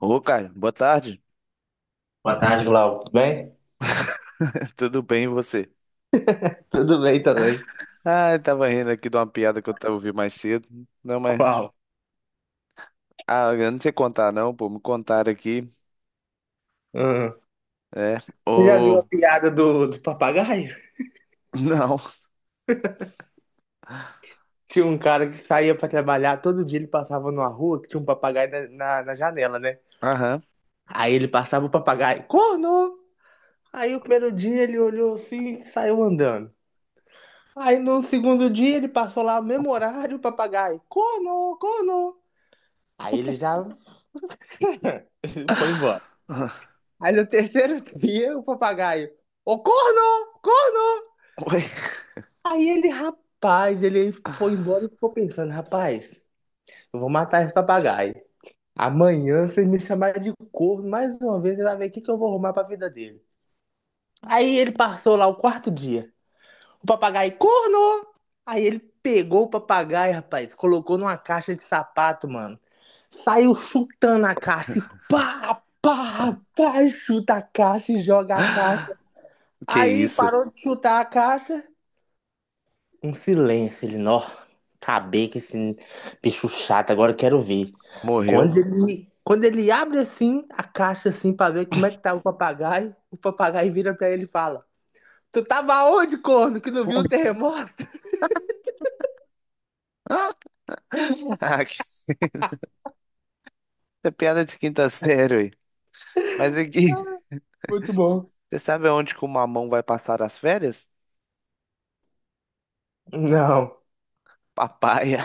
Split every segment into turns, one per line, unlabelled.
Ô, Caio, boa tarde.
Boa tarde, Glauco. Tudo bem?
Tudo bem, e você?
Tudo bem também.
Ah, eu tava rindo aqui de uma piada que eu tava ouvindo mais cedo. Não, mas.
Qual?
Ah, eu não sei contar, não, pô. Me contaram aqui.
Hum.
É.
Você já viu
Ô.
a piada do papagaio?
Não.
Tinha um cara que saía pra trabalhar, todo dia ele passava numa rua que tinha um papagaio na janela, né?
Aham.
Aí ele passava o papagaio, corno! Aí o primeiro dia ele olhou assim e saiu andando. Aí no segundo dia ele passou lá no mesmo horário, o papagaio, corno, corno! Aí ele já foi embora. Aí no terceiro dia o papagaio, ô corno, corno!
Oi.
Aí ele, rapaz, ele foi embora e ficou pensando, rapaz, eu vou matar esse papagaio. Amanhã, se ele me chamar de corno mais uma vez, ele vai ver o que que eu vou arrumar pra vida dele. Aí ele passou lá o quarto dia. O papagaio, corno! Aí ele pegou o papagaio, rapaz, colocou numa caixa de sapato, mano. Saiu chutando a caixa. E pá, pá, pá, chuta a caixa e joga a caixa.
Que
Aí
isso?
parou de chutar a caixa. Um silêncio, ele, nó, acabei com esse bicho chato, agora eu quero ver.
Morreu?
Quando ele abre assim a caixa assim pra ver como é que tá o papagaio vira pra ele e fala: Tu tava onde, corno, que não viu o terremoto?
Ah, que... é piada de quinta série, aí. Mas aqui,
Muito bom.
você sabe aonde que o mamão vai passar as férias?
Não.
Papaya.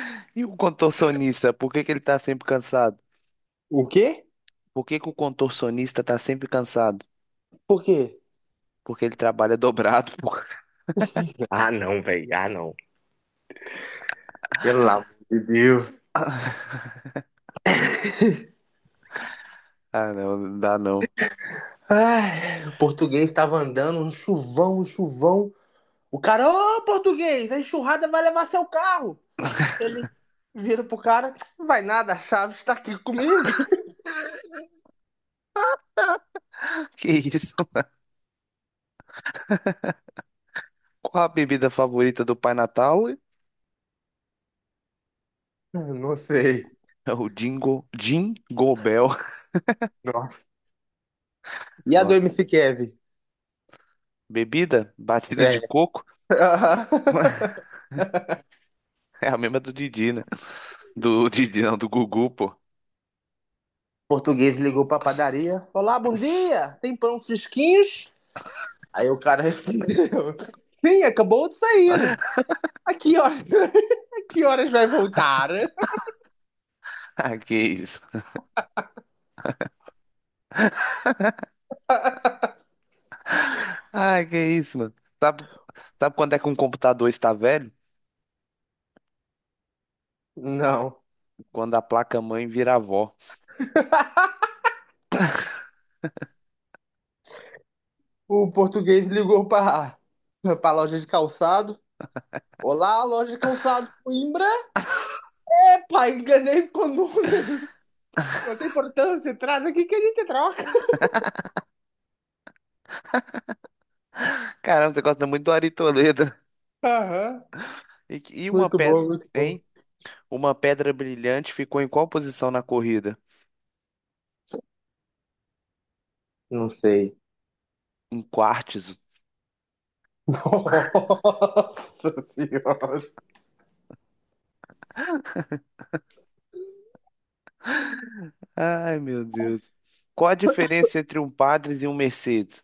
E o contorcionista, por que que ele tá sempre cansado?
O quê?
Por que que o contorcionista tá sempre cansado?
Por quê?
Porque ele trabalha dobrado, pô.
Ah, não, velho. Ah, não. Pelo amor de Deus.
Ah, não, não dá não.
Ai, o português tava andando, um chuvão, um chuvão. O cara, ô, português, a enxurrada vai levar seu carro. Ele, viro pro cara, não vai nada, a chave está aqui comigo.
Que isso? Qual a bebida favorita do Pai Natal?
Não sei.
É o Jingo, Jingle Bell.
Nossa. E a do
Nossa.
MC Kevin?
Bebida? Batida de
É.
coco?
Uhum.
É a mesma do Didi, né? Do Didi, não, do Gugu, pô.
Português ligou pra padaria. Olá, bom dia. Tem pão fresquinhos? Aí o cara respondeu. Sim, acabou de sair. A que horas, a que horas vai voltar?
Ah, que isso. Ah, que isso, mano. Sabe, sabe quando é que um computador está velho?
Não.
Quando a placa-mãe vira avó.
O português ligou pra loja de calçado. Olá, loja de calçado Coimbra. Pai, enganei com o número. Não tem importância, traz aqui que a gente troca.
Caramba, você gosta muito do Ari Toledo.
Aham.
E uma
Muito
pedra,
bom, muito bom.
hein? Uma pedra brilhante ficou em qual posição na corrida?
Não sei.
Em quartzo.
Nossa senhora.
Ai, meu Deus. Qual a diferença entre um Padres e um Mercedes?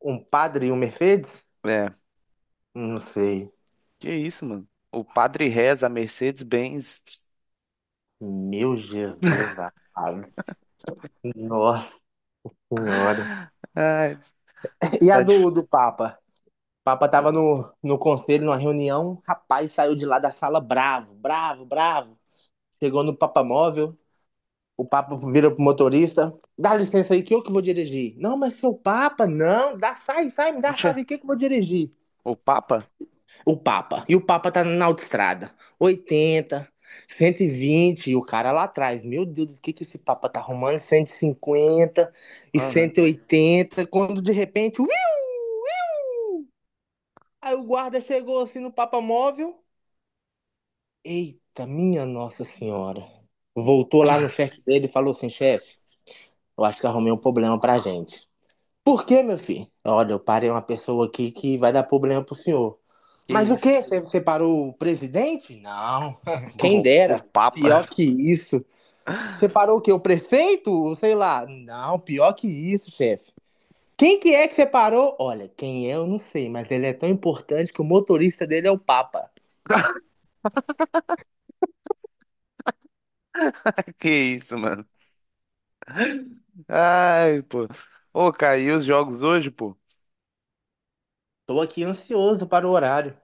Um padre e um Mercedes?
É,
Não sei.
que isso, mano? O padre reza, a Mercedes-Benz.
Meu Jesus amado. Nossa senhora.
Ai,
E a
tá
do,
difícil.
do Papa? O Papa tava no conselho, numa reunião. Rapaz, saiu de lá da sala bravo, bravo, bravo. Chegou no Papa Móvel. O Papa vira pro motorista. Dá licença aí que eu que vou dirigir. Não, mas seu Papa, não. Dá, sai, sai, me dá a
Poxa,
chave aqui que eu vou dirigir.
o Papa?
O Papa. E o Papa tá na autoestrada. 80, 120, e vinte, e o cara lá atrás. Meu Deus, o que que esse Papa tá arrumando? 150 e
Aham,
180, quando de repente, uiu, uiu, aí o guarda chegou assim no Papa móvel. Eita, minha Nossa Senhora. Voltou lá no chefe dele e falou assim, chefe, eu acho que arrumei um problema pra gente. Por quê, meu filho? Olha, eu parei uma pessoa aqui que vai dar problema pro senhor.
que
Mas o
isso.
quê? Você parou o presidente? Não. Quem
O, o
dera. Pior
Papa?
que isso. Você parou o quê? O prefeito? Sei lá. Não, pior que isso, chefe. Quem que é que você parou? Olha, quem é eu não sei, mas ele é tão importante que o motorista dele é o Papa.
Que isso, mano? Ai, pô. Ô, caiu os jogos hoje, pô.
Tô aqui ansioso para o horário.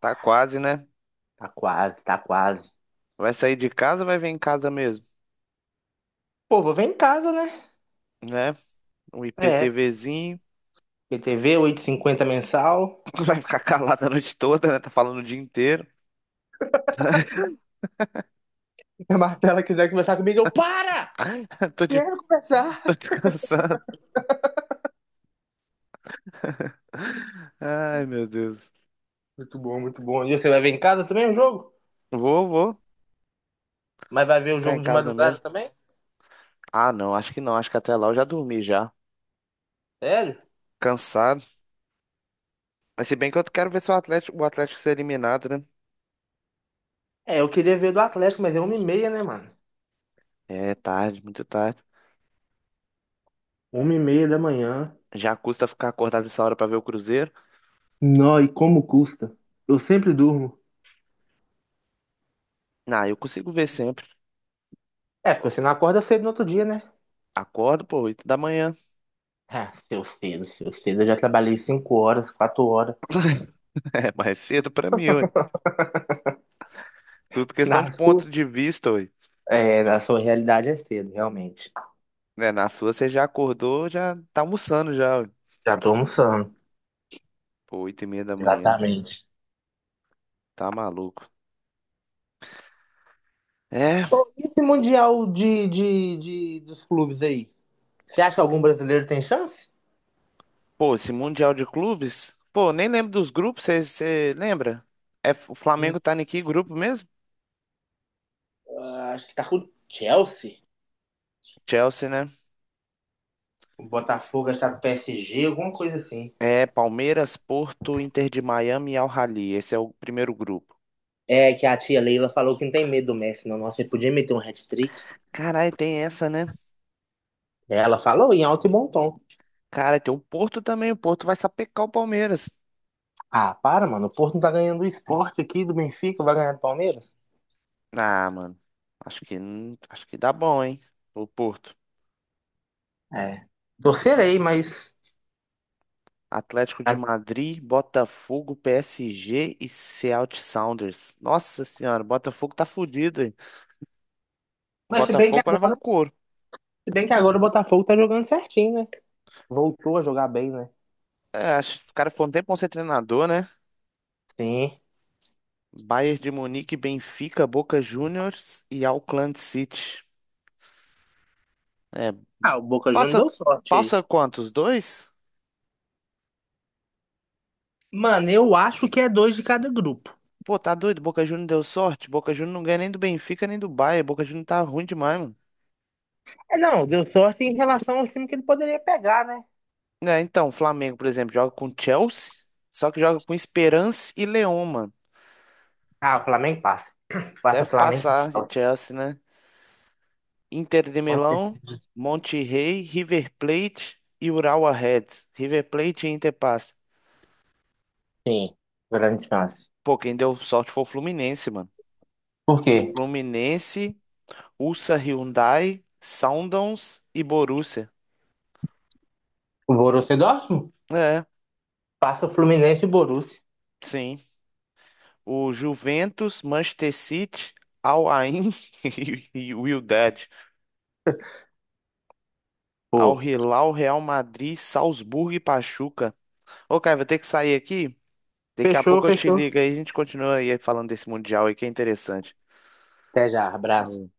Tá quase, né?
Tá quase, tá quase.
Vai sair de casa ou vai ver em casa mesmo?
Pô, vou ver em casa, né?
Né? Um
É.
IPTVzinho.
PTV, 8,50 mensal.
Vai ficar calado a noite toda, né? Tá falando o dia inteiro.
Se a Martela quiser conversar comigo, eu para!
Tô, de...
Quero começar.
Tô descansando. Ai, meu Deus.
Muito bom, muito bom. E você vai ver em casa também o jogo?
Vou, vou.
Mas vai ver o
Ficar em
jogo de
casa
madrugada
mesmo.
também?
Ah, não, acho que não. Acho que até lá eu já dormi já.
Sério?
Cansado. Mas se bem que eu quero ver se o Atlético ser eliminado, né?
É, eu queria ver do Atlético, mas é 1h30, né, mano?
É tarde, muito tarde.
1h30 da manhã.
Já custa ficar acordado essa hora pra ver o Cruzeiro?
Não, e como custa? Eu sempre durmo.
Não, eu consigo ver sempre.
É, porque você não acorda cedo no outro dia, né?
Acordo, pô, 8 da manhã.
Ah, seu cedo, seu cedo. Eu já trabalhei 5 horas, 4 horas.
É mais cedo pra mim, ué. Tudo questão
Na
de
sua,
ponto de vista, ué.
é, na sua realidade é cedo, realmente.
Né, na sua você já acordou, já tá almoçando já,
Já tô almoçando.
pô, 8:30 da manhã.
Exatamente.
Tá maluco. É,
E esse Mundial de dos clubes aí? Você acha que algum brasileiro tem chance?
pô, esse Mundial de Clubes. Pô, nem lembro dos grupos, você lembra? É, o Flamengo tá em que grupo mesmo?
Acho que tá com o Chelsea.
Chelsea, né?
O Botafogo está com o PSG, alguma coisa assim.
É, Palmeiras, Porto, Inter de Miami e Al Ahly. Esse é o primeiro grupo.
É, que a tia Leila falou que não tem medo do Messi, não. Nossa, ele podia meter um hat-trick.
Caralho, tem essa, né?
É, ela falou em alto e bom tom.
Cara, tem o Porto também. O Porto vai sapecar o Palmeiras.
Ah, para, mano. O Porto não tá ganhando o Sport aqui do Benfica, vai ganhar do Palmeiras?
Ah, mano. Acho que, não- acho que dá bom, hein? O Porto.
É. Torcerei, mas.
Atlético de Madrid, Botafogo, PSG e Seattle Sounders. Nossa senhora, o Botafogo tá fudido, hein? O
Mas se bem que
Botafogo vai levar um
agora,
couro.
se bem que agora o Botafogo tá jogando certinho, né? Voltou a jogar bem, né?
É, acho que os caras foram um tempo ser treinador, né?
Sim.
Bayern de Munique, Benfica, Boca Juniors e Auckland City. É,
Ah, o Boca Juniors
passa,
deu sorte aí.
passa quantos? Dois?
Mano, eu acho que é 2 de cada grupo.
Pô, tá doido, Boca Juniors deu sorte. Boca Juniors não ganha nem do Benfica nem do Bayern. Boca Juniors tá ruim demais, mano.
É, não, deu sorte em relação ao time que ele poderia pegar, né?
É, então, o Flamengo, por exemplo, joga com Chelsea, só que joga com Esperance e Leão, mano.
Ah, o Flamengo passa. Passa
Deve
Flamengo.
passar de Chelsea, né? Inter de Milão, Monterrey, River Plate e Urawa Reds. River Plate e Inter passa.
Sim, grande chance.
Pô, quem deu sorte foi o Fluminense, mano.
Por quê?
Fluminense, Ulsa Hyundai, Sundowns e Borussia.
O Borussia Dortmund?
É,
Passa o Fluminense e o Borussia.
sim. O Juventus, Manchester City, Al Ain e o Wydad. Al
Pô.
Hilal, Real Madrid, Salzburgo e Pachuca. Ô, cara, vou ter que sair aqui. Daqui a
Fechou,
pouco eu te
fechou.
ligo aí, a gente continua aí falando desse Mundial aí que é interessante.
Até já, abraço.
Falou.